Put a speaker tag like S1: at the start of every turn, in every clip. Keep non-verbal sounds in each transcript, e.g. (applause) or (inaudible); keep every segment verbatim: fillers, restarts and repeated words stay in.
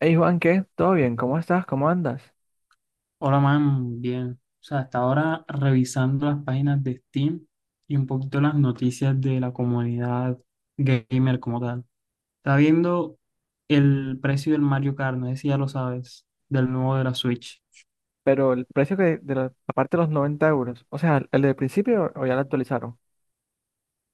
S1: Hey Juan, ¿qué? ¿Todo bien? ¿Cómo estás? ¿Cómo andas?
S2: Hola, man, bien. O sea, hasta ahora revisando las páginas de Steam y un poquito las noticias de la comunidad gamer como tal. Está viendo el precio del Mario Kart, no sé si ya lo sabes, del nuevo de la Switch.
S1: Pero el precio, que de la la parte de los noventa euros? O sea, ¿el del principio o ya lo actualizaron?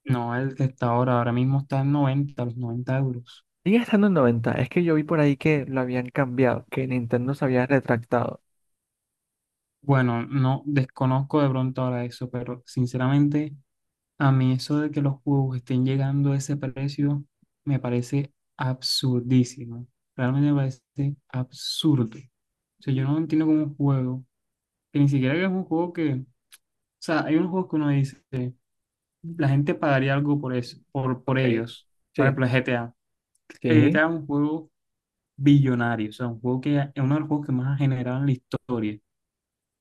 S2: No, el que está ahora, ahora mismo está en noventa, los noventa euros.
S1: Sigue estando en noventa, es que yo vi por ahí que lo habían cambiado, que Nintendo se había retractado.
S2: Bueno, no desconozco de pronto ahora eso, pero sinceramente, a mí eso de que los juegos estén llegando a ese precio me parece absurdísimo. Realmente me parece absurdo. O sea, yo no entiendo cómo un juego, que ni siquiera que es un juego que, o sea, hay unos juegos que uno dice, la gente pagaría algo por eso, por, por
S1: Ok.
S2: ellos. Por
S1: Sí,
S2: ejemplo, el G T A. El
S1: sí,
S2: G T A es un juego billonario, o sea, un juego que es uno de los juegos que más ha generado en la historia.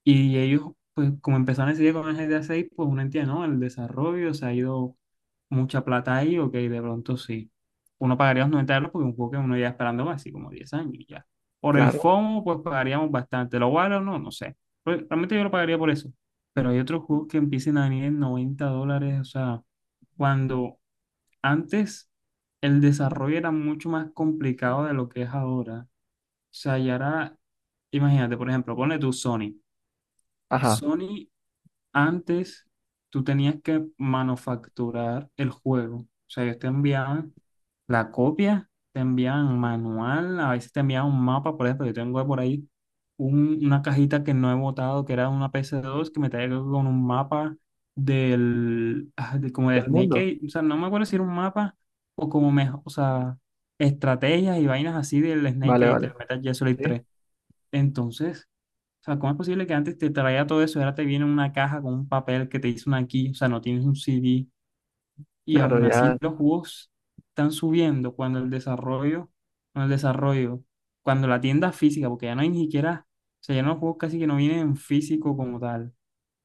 S2: Y ellos, pues como empezaron a decidir con el G T A seis, pues uno entiende, ¿no? El desarrollo, se ha ido mucha plata ahí, ok, de pronto sí. Uno pagaría los noventa euros porque es un juego que uno ya esperando así como diez años y ya. Por el
S1: claro.
S2: FOMO, pues pagaríamos bastante. ¿Lo vale o no? No sé. Pues, realmente yo lo pagaría por eso. Pero hay otros juegos que empiecen a venir en noventa dólares, o sea, cuando antes el desarrollo era mucho más complicado de lo que es ahora. O sea, y ahora, imagínate, por ejemplo, ponle tu Sony.
S1: Ajá.
S2: Sony antes tú tenías que manufacturar el juego. O sea, ellos te enviaban la copia, te enviaban manual, a veces te enviaban un mapa, por ejemplo, yo tengo por ahí un- una cajita que no he botado, que era una ps dos que me traía con un mapa del, ah, de- como de
S1: ¿Del
S2: Snake
S1: mundo?
S2: Age. O sea, no me acuerdo si era un mapa o como mejor, o sea, estrategias y vainas así del Snake
S1: Vale,
S2: Age,
S1: vale.
S2: del Metal Gear Solid
S1: Sí,
S2: tres, Entonces. O sea, ¿cómo es posible que antes te traía todo eso y ahora te viene una caja con un papel que te hizo una aquí? O sea, no tienes un C D y
S1: claro,
S2: aún así
S1: ya.
S2: los juegos están subiendo cuando el desarrollo, cuando el desarrollo, cuando la tienda física, porque ya no hay ni siquiera, o sea, ya no los juegos casi que no vienen en físico como tal.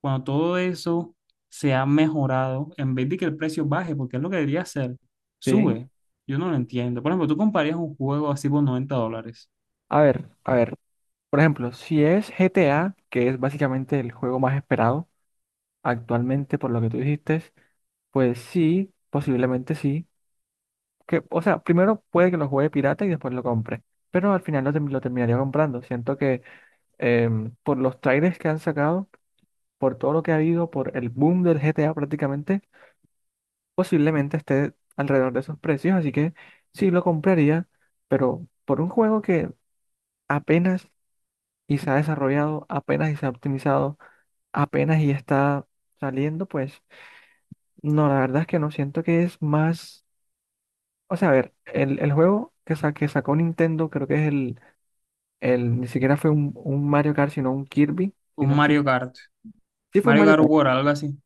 S2: Cuando todo eso se ha mejorado, en vez de que el precio baje, porque es lo que debería hacer,
S1: Sí.
S2: sube. Yo no lo entiendo. Por ejemplo, tú comprarías un juego así por noventa dólares,
S1: A ver, a ver. Por ejemplo, si es G T A, que es básicamente el juego más esperado actualmente por lo que tú dijiste, pues sí, posiblemente sí. Que, o sea, primero puede que lo juegue pirata y después lo compre, pero al final lo, term- lo terminaría comprando. Siento que, em, por los trailers que han sacado, por todo lo que ha habido, por el boom del G T A prácticamente, posiblemente esté alrededor de esos precios, así que sí lo compraría, pero por un juego que apenas y se ha desarrollado, apenas y se ha optimizado, apenas y está saliendo, pues no, la verdad es que no siento que es más... O sea, a ver, el, el juego que, sa- que sacó Nintendo, creo que es el... El, ni siquiera fue un, un Mario Kart, sino un Kirby. Si no
S2: un
S1: estoy
S2: Mario
S1: mal.
S2: Kart,
S1: Sí, fue un
S2: Mario
S1: Mario
S2: Kart
S1: Kart.
S2: World, algo así.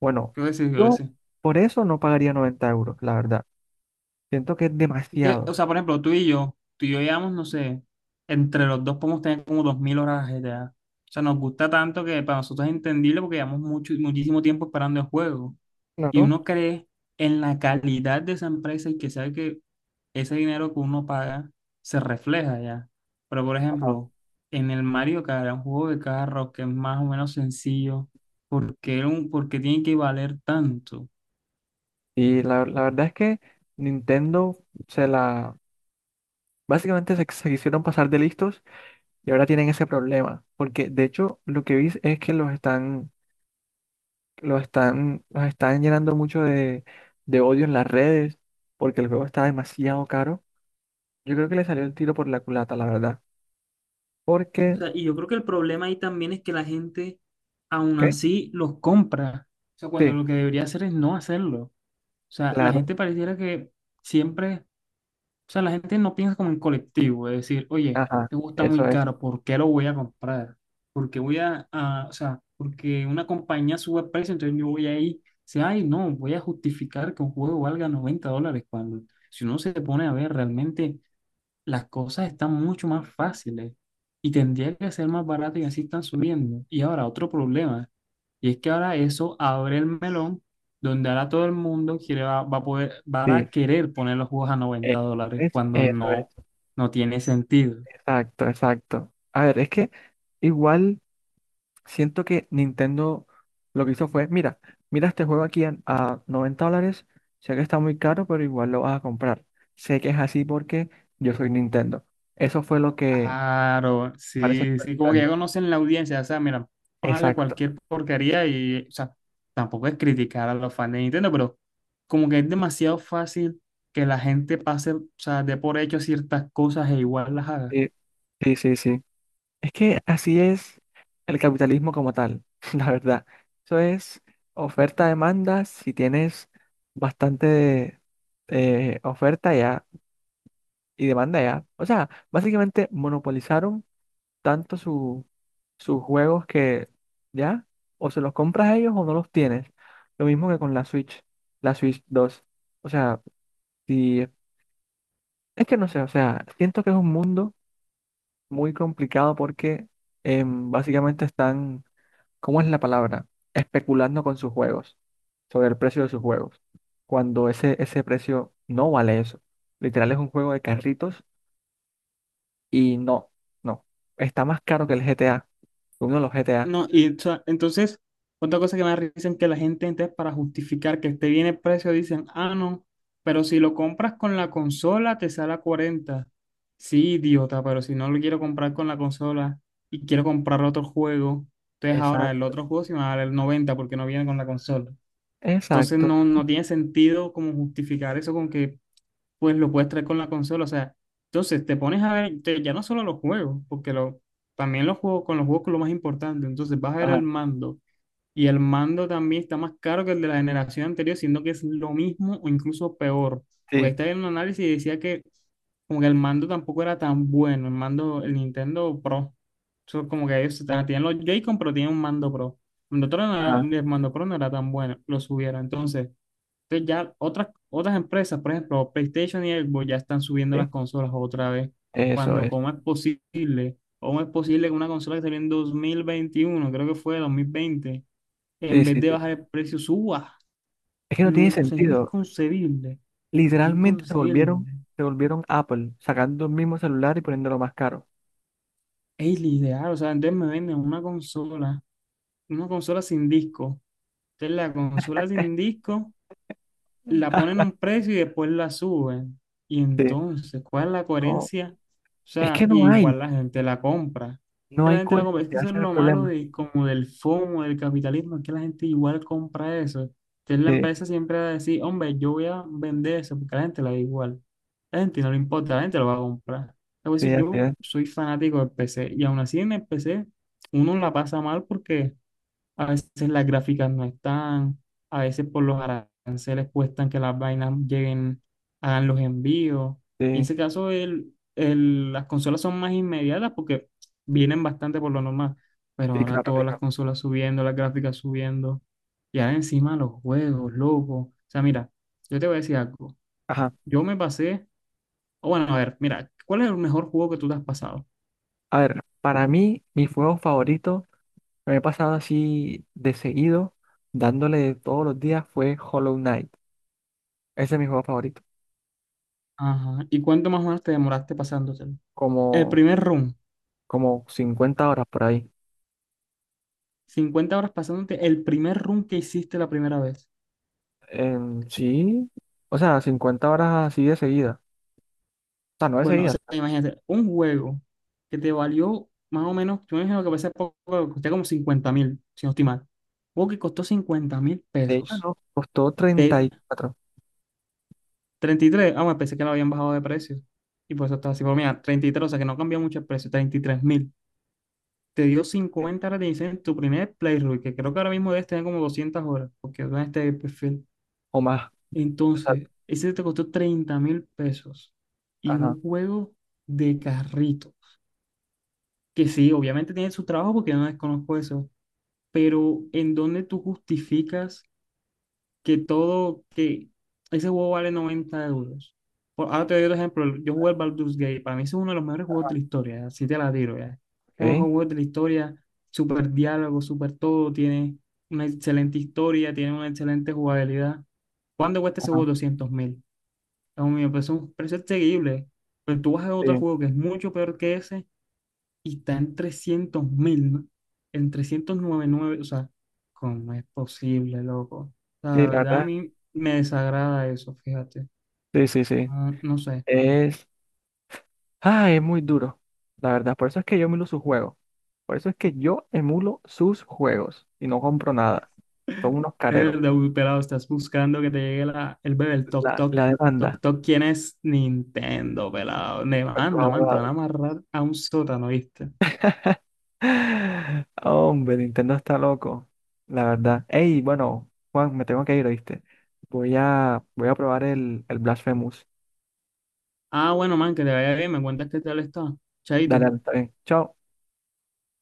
S1: Bueno,
S2: Creo que sí, creo que
S1: yo
S2: sí.
S1: por eso no pagaría noventa euros, la verdad. Siento que es
S2: Que, o
S1: demasiado.
S2: sea, por ejemplo, tú y yo, tú y yo llevamos, no sé, entre los dos podemos tener como dos mil horas de G T A. O sea, nos gusta tanto que para nosotros es entendible porque llevamos mucho, muchísimo tiempo esperando el juego. Y
S1: Claro.
S2: uno cree en la calidad de esa empresa y que sabe que ese dinero que uno paga se refleja ya. Pero, por
S1: Ajá.
S2: ejemplo, en el Mario Kart, un juego de carros que es más o menos sencillo, ¿por qué, un, por qué tiene que valer tanto? O
S1: Y la, la verdad es que Nintendo se la... Básicamente se, se quisieron pasar de listos y ahora tienen ese problema. Porque de hecho lo que vi es que los están, los están, los están llenando mucho de, de odio en las redes porque el juego está demasiado caro. Yo creo que le salió el tiro por la culata, la verdad. Porque...
S2: sea, y yo creo que el problema ahí también es que la gente aún
S1: ¿Ok?
S2: así los compra. O sea, cuando
S1: Sí,
S2: lo que debería hacer es no hacerlo. O sea, la
S1: claro,
S2: gente pareciera que siempre, o sea, la gente no piensa como en colectivo, es decir, oye,
S1: ajá,
S2: te gusta
S1: eso
S2: muy
S1: es,
S2: caro, ¿por qué lo voy a comprar? Porque voy a, a- o sea, porque una compañía sube el precio, entonces yo voy ahí, dice, ay, no, voy a justificar que un juego valga noventa dólares cuando, si uno se pone a ver, realmente las cosas están mucho más fáciles y tendría que ser más barato y así están subiendo. Y ahora, otro problema, y es que ahora eso abre el melón donde ahora todo el mundo quiere, va, va a poder, va a
S1: sí,
S2: querer poner los juegos a
S1: eso
S2: noventa dólares
S1: es,
S2: cuando
S1: eso es,
S2: no, no tiene sentido.
S1: exacto, exacto. A ver, es que igual siento que Nintendo lo que hizo fue: mira, mira este juego aquí a, a noventa dólares, sé que está muy caro, pero igual lo vas a comprar. Sé que es así porque yo soy Nintendo. Eso fue lo que
S2: Claro,
S1: parece que
S2: sí,
S1: fue
S2: sí, como que ya
S1: Nintendo.
S2: conocen la audiencia, o sea, mira, vamos a darle
S1: Exacto.
S2: cualquier porquería y, o sea, tampoco es criticar a los fans de Nintendo, pero como que es demasiado fácil que la gente pase, o sea, dé por hecho ciertas cosas e igual las haga.
S1: Sí, sí, sí, sí. Es que así es el capitalismo como tal, (laughs) la verdad. Eso es oferta-demanda. Si tienes bastante, eh, oferta ya y demanda ya. O sea, básicamente monopolizaron tanto su- sus juegos que ya, o se los compras a ellos o no los tienes. Lo mismo que con la Switch, la Switch dos. O sea, si, es que no sé, o sea, siento que es un mundo muy complicado porque, em, básicamente están... ¿Cómo es la palabra? Especulando con sus juegos, sobre el precio de sus juegos, cuando ese, ese precio no vale eso. Literal, es un juego de carritos y no, no. Está más caro que el G T A, que uno de los G T A.
S2: No, y o sea, entonces, otra cosa que me da risa es que la gente, entonces, para justificar que esté bien el precio, dicen, ah, no, pero si lo compras con la consola, te sale a cuarenta. Sí, idiota, pero si no lo quiero comprar con la consola y quiero comprar otro juego, entonces ahora el
S1: Exacto,
S2: otro juego sí me va a valer noventa porque no viene con la consola. Entonces,
S1: exacto.
S2: no, no tiene sentido como justificar eso con que pues lo puedes traer con la consola. O sea, entonces te pones a ver te- ya no solo los juegos, porque lo, también los juegos con los juegos que es lo más importante. Entonces vas a ver
S1: Ajá,
S2: el mando. Y el mando también está más caro que el de la generación anterior, siendo que es lo mismo o incluso peor.
S1: sí,
S2: Porque estaba en un análisis y decía que como que el mando tampoco era tan bueno, el mando, el Nintendo Pro. Eso como que ellos estaban- tienen los Joy-Con, pero tienen un mando Pro. El mando Pro no era,
S1: ajá,
S2: el mando Pro no era tan bueno, lo subieron. Entonces, entonces ya otras, otras empresas, por ejemplo, PlayStation y Xbox ya están subiendo
S1: sí,
S2: las consolas otra vez.
S1: eso
S2: Cuando,
S1: es.
S2: ¿cómo es posible? ¿Cómo es posible que una consola que salió en dos mil veintiuno, creo que fue dos mil veinte,
S1: Sí,
S2: en vez
S1: sí,
S2: de
S1: sí.
S2: bajar el precio, suba?
S1: Es que no tiene
S2: No, o sea, es
S1: sentido.
S2: inconcebible,
S1: Literalmente se volvieron,
S2: inconcebible.
S1: se volvieron Apple, sacando el mismo celular y poniéndolo más caro.
S2: Es ideal, o sea, entonces me venden una consola, una consola sin disco. Entonces la consola sin disco la ponen a un precio y después la suben. Y
S1: Sí,
S2: entonces, ¿cuál es la
S1: no,
S2: coherencia? O
S1: es
S2: sea,
S1: que no hay,
S2: igual la gente la compra.
S1: no
S2: Que la
S1: hay
S2: gente la compra. Es que
S1: coherencia,
S2: eso
S1: ese es
S2: es
S1: el
S2: lo malo
S1: problema.
S2: de, como del FOMO, del capitalismo, es que la gente igual compra eso. Entonces la
S1: Sí,
S2: empresa siempre va a decir, hombre, yo voy a vender eso, porque a la gente la da igual. A la gente no le importa, la gente lo va a comprar. A
S1: sí,
S2: veces
S1: así
S2: yo
S1: es.
S2: soy fanático del P C, y aún así en el P C uno la pasa mal porque a veces las gráficas no están, a veces por los aranceles cuestan que las vainas lleguen, hagan los envíos. Y en
S1: Sí,
S2: ese caso, el, el- las consolas son más inmediatas porque vienen bastante por lo normal, pero
S1: sí,
S2: ahora
S1: claro,
S2: todas las
S1: claro.
S2: consolas subiendo, las gráficas subiendo, y ahora encima los juegos, loco. O sea, mira, yo te voy a decir algo.
S1: Ajá.
S2: Yo me pasé, o bueno, a ver, mira, ¿cuál es el mejor juego que tú te has pasado?
S1: A ver, para mí, mi juego favorito, me he pasado así de seguido, dándole todos los días, fue Hollow Knight. Ese es mi juego favorito.
S2: Ajá. ¿Y cuánto más o menos te demoraste pasándotelo? El
S1: Como,
S2: primer run.
S1: Como cincuenta horas por ahí.
S2: Cincuenta horas pasándote el primer run que hiciste la primera vez.
S1: En sí, o sea, cincuenta horas así de seguida. O sea, no de
S2: Bueno, o
S1: seguida.
S2: sea, imagínate, un juego que te valió más o menos, yo me imagino que a veces poco, costó como cincuenta mil, si no estoy mal. Un juego que costó cincuenta mil
S1: De hecho,
S2: pesos.
S1: no, costó treinta
S2: Te-
S1: y cuatro
S2: treinta y tres, ah, bueno, pensé que lo habían bajado de precio. Y por eso estaba así, pero mira, treinta y tres, o sea que no cambió mucho el precio, treinta y tres mil. Te dio cincuenta horas de diseño en tu primer playthrough, que creo que ahora mismo debes tener como doscientas horas, porque en este perfil.
S1: o más.
S2: Entonces, ese te costó treinta mil pesos y
S1: Ajá.
S2: un juego de carritos, que sí, obviamente tiene su trabajo porque yo no desconozco eso, pero ¿en dónde tú justificas que todo, que ese juego vale noventa euros? Por, ahora te doy otro ejemplo, yo jugué el Baldur's Gate, para mí ese es uno de los mejores juegos de la historia, así te la tiro ya. Uno de los
S1: Ok.
S2: juegos de la historia, súper diálogo, súper todo, tiene una excelente historia, tiene una excelente jugabilidad. ¿Cuándo cuesta ese juego?
S1: Ajá.
S2: Doscientos mil. A mí me parece un precio accesible. Pero tú vas a otro
S1: Sí,
S2: juego que es mucho peor que ese y está en trescientos mil, ¿no? En trescientos noventa y nueve, o sea, ¿cómo es posible, loco? O sea,
S1: sí,
S2: la
S1: la
S2: verdad a
S1: verdad.
S2: mí me desagrada eso, fíjate.
S1: Sí, sí, sí.
S2: No, no sé.
S1: Es, ah, es muy duro. La verdad, por eso es que yo me lo juego. Por eso es que yo emulo sus juegos y no compro nada. Son unos
S2: Es
S1: careros.
S2: verdad, uy, pelado, estás buscando que te llegue la, el bebé, el toc
S1: La,
S2: toc.
S1: la
S2: Toc
S1: demanda
S2: toc, ¿quién es? Nintendo, pelado. Ne-
S1: (laughs) contra los
S2: Anda, man, te van a
S1: abogados.
S2: amarrar a un sótano, ¿viste?
S1: (laughs) Hombre, Nintendo está loco. La verdad. Ey, bueno, Juan, me tengo que ir, ¿oíste? Voy a, voy a probar el, el Blasphemous.
S2: Ah, bueno, man, que te vaya bien, me cuentas qué tal está.
S1: Dale,
S2: Chaito.
S1: dale, está bien. Chao.